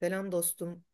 Selam dostum.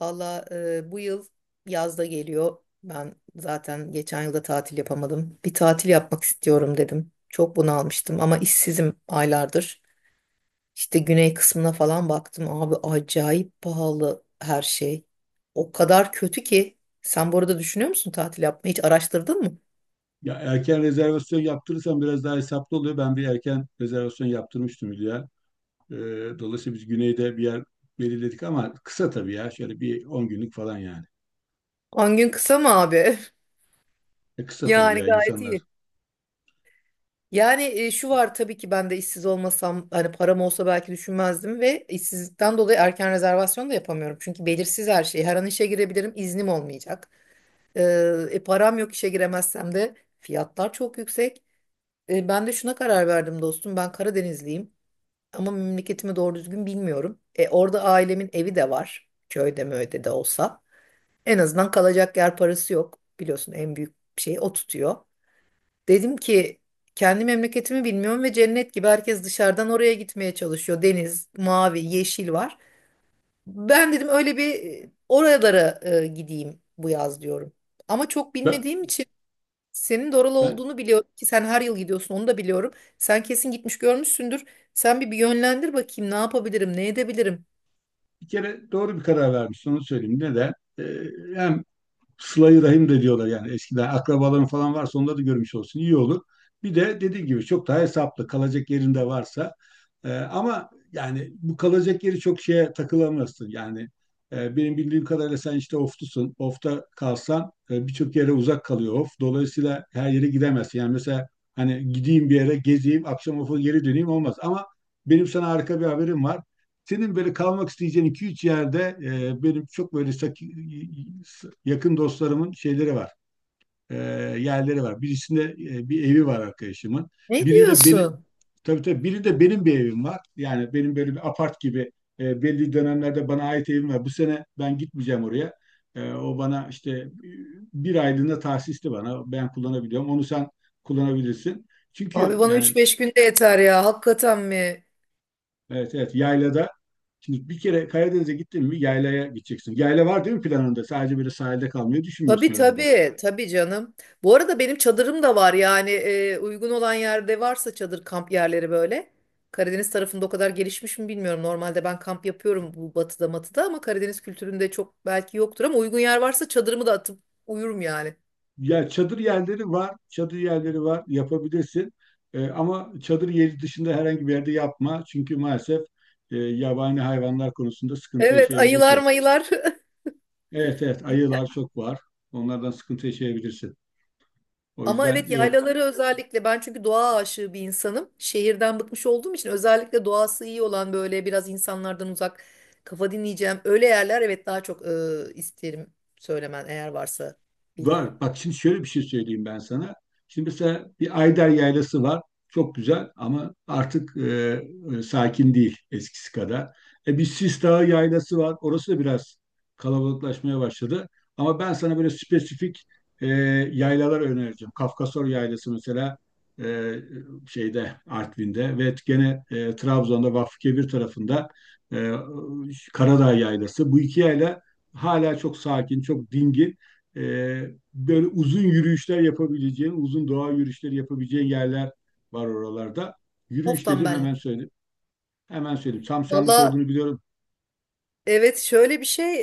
Valla bu yıl yazda geliyor. Ben zaten geçen yılda tatil yapamadım. Bir tatil yapmak istiyorum dedim. Çok bunalmıştım ama işsizim aylardır. İşte güney kısmına falan baktım. Abi acayip pahalı her şey. O kadar kötü ki. Sen bu arada düşünüyor musun tatil yapmayı? Hiç araştırdın mı? Ya erken rezervasyon yaptırırsan biraz daha hesaplı oluyor. Ben bir erken rezervasyon yaptırmıştım Hülya. Ee, Dolayısıyla biz güneyde bir yer belirledik ama kısa tabii ya. Şöyle bir 10 günlük falan yani. On gün kısa mı abi? Kısa tabii Yani ya gayet insanlar. iyi. Yani şu var tabii ki ben de işsiz olmasam hani param olsa belki düşünmezdim ve işsizlikten dolayı erken rezervasyon da yapamıyorum. Çünkü belirsiz her şey. Her an işe girebilirim, iznim olmayacak. Ee, Param yok işe giremezsem de fiyatlar çok yüksek. Ben de şuna karar verdim dostum. Ben Karadenizliyim ama memleketimi doğru düzgün bilmiyorum. Orada ailemin evi de var. Köyde mi öde de olsa. En azından kalacak yer parası yok. Biliyorsun en büyük şey o tutuyor. Dedim ki kendi memleketimi bilmiyorum ve cennet gibi herkes dışarıdan oraya gitmeye çalışıyor. Deniz, mavi, yeşil var. Ben dedim öyle bir oralara gideyim bu yaz diyorum. Ama çok Ben, bilmediğim için senin de oralı ben olduğunu biliyorum ki sen her yıl gidiyorsun onu da biliyorum. Sen kesin gitmiş görmüşsündür. Sen bir yönlendir bakayım ne yapabilirim, ne edebilirim. bir kere doğru bir karar vermiştim, onu söyleyeyim. Neden? Ee, Hem Sıla-i Rahim de diyorlar yani, eskiden akrabaların falan varsa onları da görmüş olsun iyi olur. Bir de dediğim gibi çok daha hesaplı, kalacak yerinde varsa ama yani bu kalacak yeri çok şeye takılamazsın. Yani benim bildiğim kadarıyla sen işte oftusun. Ofta kalsan birçok yere uzak kalıyor of. Dolayısıyla her yere gidemezsin. Yani mesela hani gideyim bir yere gezeyim, akşam ofa geri döneyim olmaz. Ama benim sana harika bir haberim var. Senin böyle kalmak isteyeceğin iki üç yerde benim çok böyle yakın dostlarımın şeyleri var. E, Yerleri var. Birisinde bir evi var arkadaşımın. Ne Birinde benim diyorsun? Tabii tabii, birinde benim bir evim var. Yani benim böyle bir apart gibi belli dönemlerde bana ait evim var. Bu sene ben gitmeyeceğim oraya. O bana işte bir aylığına tahsisli, bana. Ben kullanabiliyorum. Onu sen kullanabilirsin. Abi Çünkü bana yani üç beş günde yeter ya. Hakikaten mi? evet evet, yaylada. Şimdi bir kere Karadeniz'e gittin mi yaylaya gideceksin. Yayla var değil mi planında? Sadece böyle sahilde kalmayı Tabii, düşünmüyorsun herhalde. tabii, tabii canım. Bu arada benim çadırım da var yani uygun olan yerde varsa çadır kamp yerleri böyle. Karadeniz tarafında o kadar gelişmiş mi bilmiyorum. Normalde ben kamp yapıyorum bu batıda matıda ama Karadeniz kültüründe çok belki yoktur ama uygun yer varsa çadırımı da atıp uyurum yani. Ya çadır yerleri var, çadır yerleri var, yapabilirsin. Ama çadır yeri dışında herhangi bir yerde yapma. Çünkü maalesef yabani hayvanlar konusunda sıkıntı Evet, ayılar yaşayabilirsin. mayılar. Evet evet, ayılar çok var. Onlardan sıkıntı yaşayabilirsin. O Ama yüzden evet, yaylaları özellikle ben çünkü doğa aşığı bir insanım. Şehirden bıkmış olduğum için özellikle doğası iyi olan böyle biraz insanlardan uzak kafa dinleyeceğim. Öyle yerler, evet, daha çok isterim söylemen eğer varsa var. bildiğin. Bak şimdi şöyle bir şey söyleyeyim ben sana. Şimdi mesela bir Ayder Yaylası var. Çok güzel ama artık sakin değil eskisi kadar. Bir Sis Dağı Yaylası var. Orası da biraz kalabalıklaşmaya başladı. Ama ben sana böyle spesifik e, yaylalar önereceğim. Kafkasor Yaylası mesela, e, şeyde Artvin'de, ve gene Trabzon'da Vakfıkebir tarafında e, Karadağ Yaylası. Bu iki yayla hala çok sakin, çok dingin. Böyle uzun yürüyüşler yapabileceğin, uzun doğa yürüyüşleri yapabileceğin yerler var oralarda. Of, Yürüyüş tam dedim benlik. hemen söyledim. Hemen söyledim. Tam senlik Valla olduğunu biliyorum. evet, şöyle bir şey,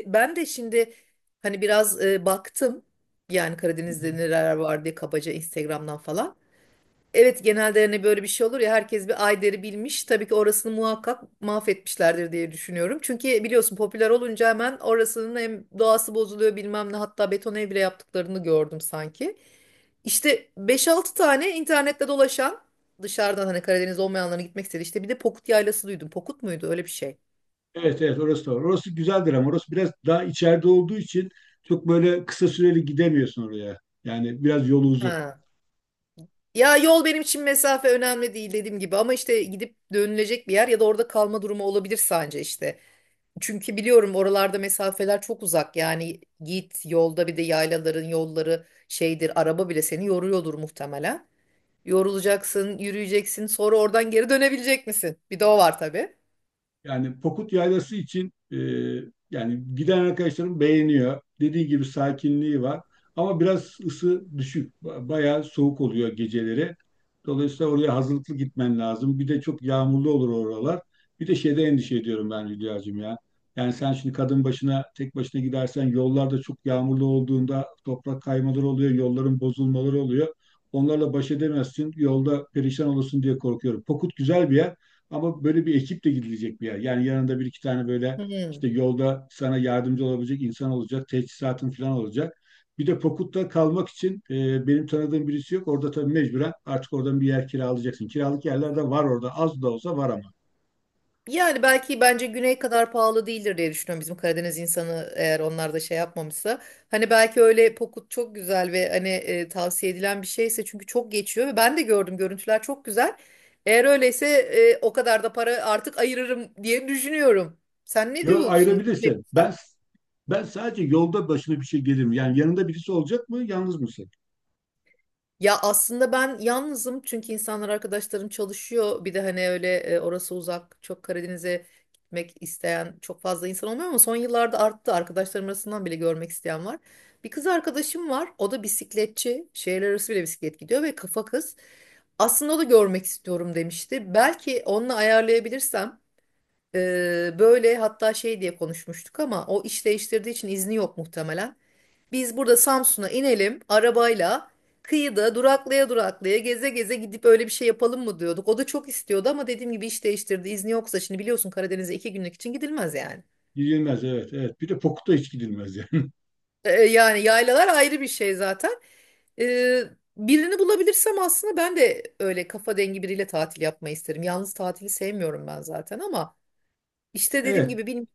ben de şimdi hani biraz baktım yani Hı hı. Karadeniz'de neler var diye kabaca Instagram'dan falan. Evet, genelde hani böyle bir şey olur ya, herkes bir Ayder'i bilmiş. Tabii ki orasını muhakkak mahvetmişlerdir diye düşünüyorum. Çünkü biliyorsun, popüler olunca hemen orasının hem doğası bozuluyor bilmem ne, hatta beton ev bile yaptıklarını gördüm sanki. İşte beş altı tane internette dolaşan dışarıdan hani Karadeniz olmayanların gitmek istedi. İşte bir de Pokut Yaylası duydum. Pokut muydu öyle bir şey? Evet evet, orası da var. Orası güzeldir ama orası biraz daha içeride olduğu için çok böyle kısa süreli gidemiyorsun oraya. Yani biraz yolu uzun. Ha. Ya, yol benim için mesafe önemli değil dediğim gibi ama işte gidip dönülecek bir yer ya da orada kalma durumu olabilir sence işte. Çünkü biliyorum oralarda mesafeler çok uzak yani git yolda, bir de yaylaların yolları şeydir, araba bile seni yoruyordur muhtemelen. Yorulacaksın, yürüyeceksin, sonra oradan geri dönebilecek misin? Bir de o var tabii. Yani Pokut Yaylası için yani giden arkadaşlarım beğeniyor. Dediği gibi sakinliği var. Ama biraz ısı düşük. Bayağı soğuk oluyor geceleri. Dolayısıyla oraya hazırlıklı gitmen lazım. Bir de çok yağmurlu olur oralar. Bir de şeyde endişe ediyorum ben Hülya'cığım ya. Yani sen şimdi kadın başına, tek başına gidersen, yollarda çok yağmurlu olduğunda toprak kaymaları oluyor, yolların bozulmaları oluyor. Onlarla baş edemezsin. Yolda perişan olursun diye korkuyorum. Pokut güzel bir yer. Ama böyle bir ekiple gidilecek bir yer. Yani yanında bir iki tane böyle Hmm. işte yolda sana yardımcı olabilecek insan olacak, teçhizatın falan olacak. Bir de Pokut'ta kalmak için benim tanıdığım birisi yok. Orada tabii mecburen artık oradan bir yer kiralayacaksın. Kiralık yerler de var orada. Az da olsa var ama. Yani belki bence güney kadar pahalı değildir diye düşünüyorum bizim Karadeniz insanı eğer onlar da şey yapmamışsa. Hani belki öyle pokut çok güzel ve hani tavsiye edilen bir şeyse çünkü çok geçiyor ve ben de gördüm, görüntüler çok güzel. Eğer öyleyse o kadar da para artık ayırırım diye düşünüyorum. Sen ne Yo, diyorsun? ayırabilirsin. Ben sadece yolda başına bir şey gelir mi? Yani yanında birisi olacak mı? Yalnız mısın? Ya aslında ben yalnızım çünkü insanlar arkadaşlarım çalışıyor. Bir de hani öyle orası uzak, çok Karadeniz'e gitmek isteyen çok fazla insan olmuyor ama son yıllarda arttı. Arkadaşlarım arasından bile görmek isteyen var. Bir kız arkadaşım var. O da bisikletçi. Şehirler arası bile bisiklet gidiyor ve kafa kız. Aslında o da görmek istiyorum demişti. Belki onunla ayarlayabilirsem e, böyle hatta şey diye konuşmuştuk ama o iş değiştirdiği için izni yok muhtemelen. Biz burada Samsun'a inelim arabayla. Kıyıda duraklaya duraklaya geze geze gidip öyle bir şey yapalım mı diyorduk. O da çok istiyordu ama dediğim gibi iş değiştirdi. İzni yoksa şimdi biliyorsun Karadeniz'e iki günlük için gidilmez yani. Gidilmez, evet evet. Bir de Pokut'a hiç gidilmez yani. Yani yaylalar ayrı bir şey zaten. Ee, Birini bulabilirsem aslında ben de öyle kafa dengi biriyle tatil yapmayı isterim. Yalnız tatili sevmiyorum ben zaten ama işte dediğim Evet. gibi benim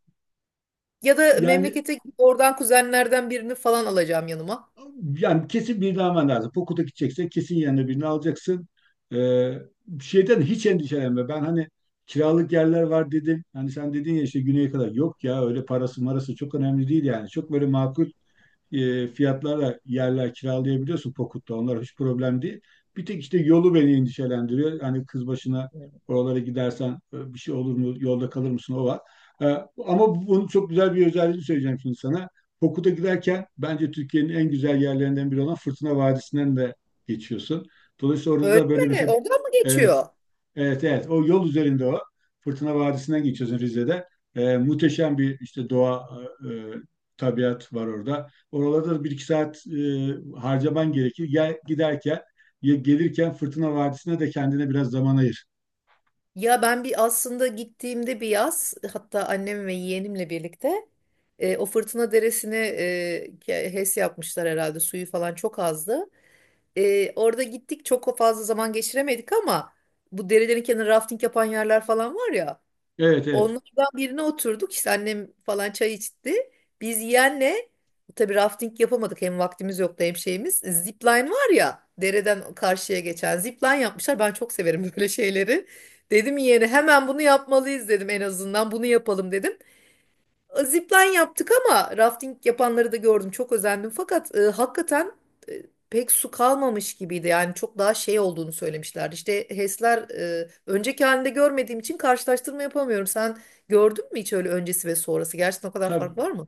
ya da Yani memlekete gidip oradan kuzenlerden birini falan alacağım yanıma. yani kesin birini alman lazım. Pokut'a gideceksen kesin yanına birini alacaksın. Ee, Şeyden hiç endişelenme. Ben hani kiralık yerler var dedim. Hani sen dedin ya işte güneye kadar. Yok ya, öyle parası marası çok önemli değil yani. Çok böyle makul fiyatlarla yerler kiralayabiliyorsun Pokut'ta. Onlar hiç problem değil. Bir tek işte yolu beni endişelendiriyor. Hani kız başına oralara gidersen bir şey olur mu? Yolda kalır mısın? O var. E, Ama bunun çok güzel bir özelliğini söyleyeceğim şimdi sana. Pokut'a giderken bence Türkiye'nin en güzel yerlerinden biri olan Fırtına Vadisi'nden de geçiyorsun. Dolayısıyla orada Öyle da böyle mi? mesela Oradan mı evet, geçiyor? evet evet, o yol üzerinde o. Fırtına Vadisi'nden geçiyorsun Rize'de. Muhteşem bir işte doğa, e, e, tabiat var orada. Oralarda da bir iki saat harcaman gerekir. Gel, giderken ya gelirken Fırtına Vadisi'ne de kendine biraz zaman ayır. Ya ben bir aslında gittiğimde bir yaz hatta annem ve yeğenimle birlikte o fırtına deresini HES yapmışlar herhalde, suyu falan çok azdı. Orada gittik, çok fazla zaman geçiremedik ama bu derelerin kenarı rafting yapan yerler falan var ya, Evet evet. onlardan birine oturduk, işte annem falan çay içti. Biz yeğenle tabii rafting yapamadık, hem vaktimiz yoktu hem şeyimiz. Zipline var ya, dereden karşıya geçen, zipline yapmışlar. Ben çok severim böyle şeyleri. Dedim yeğene hemen bunu yapmalıyız dedim, en azından bunu yapalım dedim, zipline yaptık ama rafting yapanları da gördüm. Çok özendim. Fakat hakikaten e, pek su kalmamış gibiydi. Yani çok daha şey olduğunu söylemişlerdi. İşte HES'ler önceki halinde görmediğim için karşılaştırma yapamıyorum. Sen gördün mü hiç öyle öncesi ve sonrası? Gerçekten o kadar Tabii. fark var mı?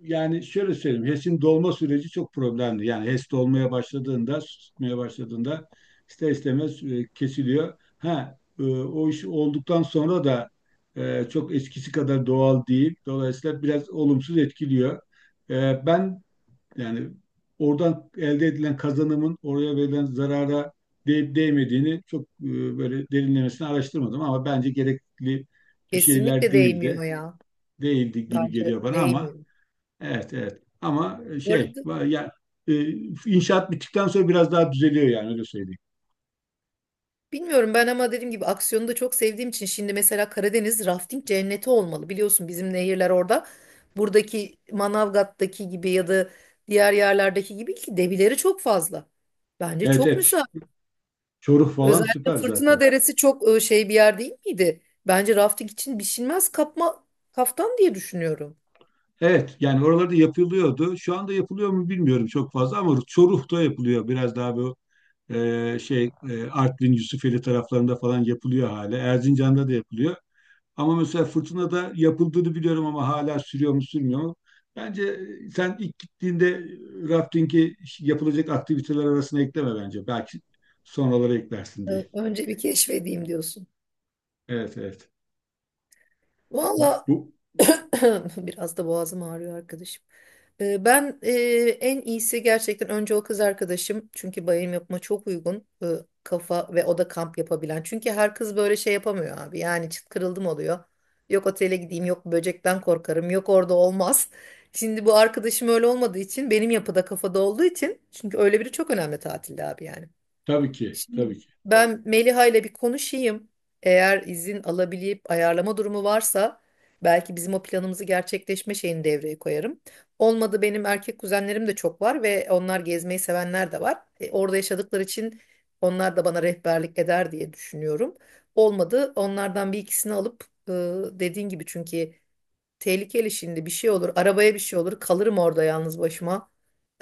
Yani şöyle söyleyeyim, HES'in dolma süreci çok problemli. Yani HES dolmaya başladığında, su tutmaya başladığında, ister istemez kesiliyor. Ha, o iş olduktan sonra da çok eskisi kadar doğal değil. Dolayısıyla biraz olumsuz etkiliyor. Ben yani oradan elde edilen kazanımın oraya verilen zarara değip değmediğini çok böyle derinlemesine araştırmadım ama bence gerekli bir şeyler Kesinlikle değildi. değmiyor ya. Değildi gibi Bence geliyor bana ama değmiyor. evet, evet. Ama Bu arada, e, inşaat bittikten sonra biraz daha düzeliyor yani, öyle söyleyeyim. bilmiyorum ben ama dediğim gibi aksiyonu da çok sevdiğim için şimdi mesela Karadeniz rafting cenneti olmalı. Biliyorsun bizim nehirler orada. Buradaki Manavgat'taki gibi ya da diğer yerlerdeki gibi ki debileri çok fazla. Bence Evet, çok evet. Müsait. Çoruh falan Özellikle süper Fırtına zaten. Deresi çok şey bir yer değil miydi? Bence rafting için biçilmez kapma kaftan diye düşünüyorum. Evet, yani oralarda yapılıyordu. Şu anda yapılıyor mu bilmiyorum çok fazla ama Çoruh'ta yapılıyor. Biraz daha bu Artvin, Yusufeli taraflarında falan yapılıyor hala. Erzincan'da da yapılıyor. Ama mesela fırtınada yapıldığını biliyorum ama hala sürüyor mu sürmüyor mu? Bence sen ilk gittiğinde rafting'i yapılacak aktiviteler arasına ekleme bence. Belki sonraları eklersin diye. Önce bir keşfedeyim diyorsun. Evet evet. Valla Bu biraz da boğazım ağrıyor arkadaşım. Ben, en iyisi gerçekten önce o kız arkadaşım çünkü bayım yapma çok uygun, kafa ve o da kamp yapabilen. Çünkü her kız böyle şey yapamıyor abi yani çıt kırıldım oluyor. Yok otele gideyim, yok böcekten korkarım, yok orada olmaz. Şimdi bu arkadaşım öyle olmadığı için benim yapıda kafada olduğu için çünkü öyle biri çok önemli tatilde abi yani. tabii ki tabii ki. Ben Meliha ile bir konuşayım. Eğer izin alabilip ayarlama durumu varsa belki bizim o planımızı gerçekleşme şeyini devreye koyarım. Olmadı, benim erkek kuzenlerim de çok var ve onlar gezmeyi sevenler de var. Orada yaşadıkları için onlar da bana rehberlik eder diye düşünüyorum. Olmadı onlardan bir ikisini alıp, dediğin gibi çünkü tehlikeli, şimdi bir şey olur. Arabaya bir şey olur. Kalırım orada yalnız başıma.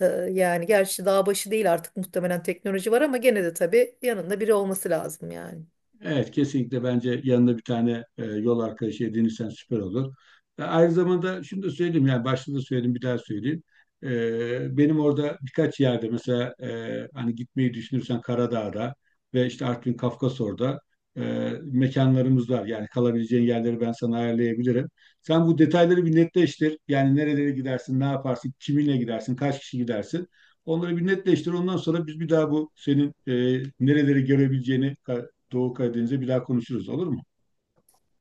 Ee, Yani gerçi dağ başı değil artık, muhtemelen teknoloji var ama gene de tabii yanında biri olması lazım yani. Evet, kesinlikle bence yanında bir tane yol arkadaşı edinirsen süper olur. Aynı zamanda şunu da söyleyeyim, yani başta da söyledim, bir daha söyleyeyim. Benim orada birkaç yerde mesela, hani gitmeyi düşünürsen, Karadağ'da ve işte Artvin Kafkasor'da mekanlarımız var. Yani kalabileceğin yerleri ben sana ayarlayabilirim. Sen bu detayları bir netleştir. Yani nerelere gidersin, ne yaparsın, kiminle gidersin, kaç kişi gidersin. Onları bir netleştir. Ondan sonra biz bir daha bu senin nereleri görebileceğini, Doğu Karadeniz'e bir daha konuşuruz, olur mu?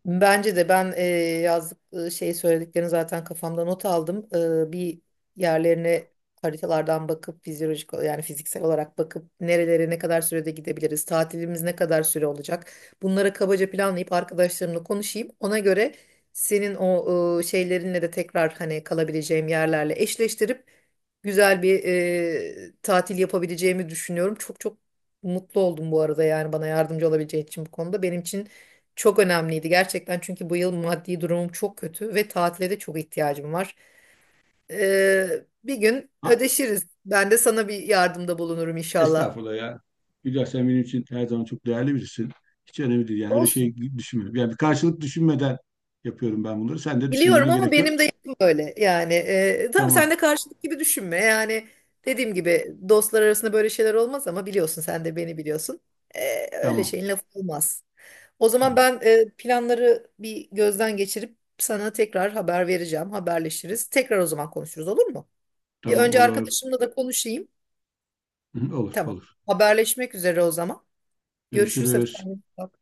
Bence de ben, yazdık, şey söylediklerini zaten kafamda not aldım. Bir yerlerine haritalardan bakıp fizyolojik yani fiziksel olarak bakıp nerelere ne kadar sürede gidebiliriz, tatilimiz ne kadar süre olacak. Bunlara kabaca planlayıp arkadaşlarımla konuşayım. Ona göre senin o, şeylerinle de tekrar hani kalabileceğim yerlerle eşleştirip güzel bir tatil yapabileceğimi düşünüyorum. Çok çok mutlu oldum bu arada, yani bana yardımcı olabileceğin için bu konuda. Benim için çok önemliydi gerçekten çünkü bu yıl maddi durumum çok kötü ve tatile de çok ihtiyacım var. Ee, Bir gün Ha, ödeşiriz. Ben de sana bir yardımda bulunurum inşallah. estağfurullah ya. Hülya, sen benim için her zaman çok değerli birisin. Hiç önemli değil. Yani öyle şey Olsun. düşünmüyorum. Yani bir karşılık düşünmeden yapıyorum ben bunları. Sen de Biliyorum düşünmene ama gerek yok. benim de yapım böyle. Yani tamam, sen Tamam, de karşılık gibi düşünme. Yani dediğim gibi dostlar arasında böyle şeyler olmaz ama biliyorsun, sen de beni biliyorsun. Öyle tamam, şeyin lafı olmaz. O zaman tamam, ben, planları bir gözden geçirip sana tekrar haber vereceğim. Haberleşiriz. Tekrar o zaman konuşuruz, olur mu? Bir tamam, önce olur. arkadaşımla da konuşayım. Olur, Tamam. olur. Haberleşmek üzere o zaman. Görüşürüz, hadi Görüşürüz. kendine iyi bak.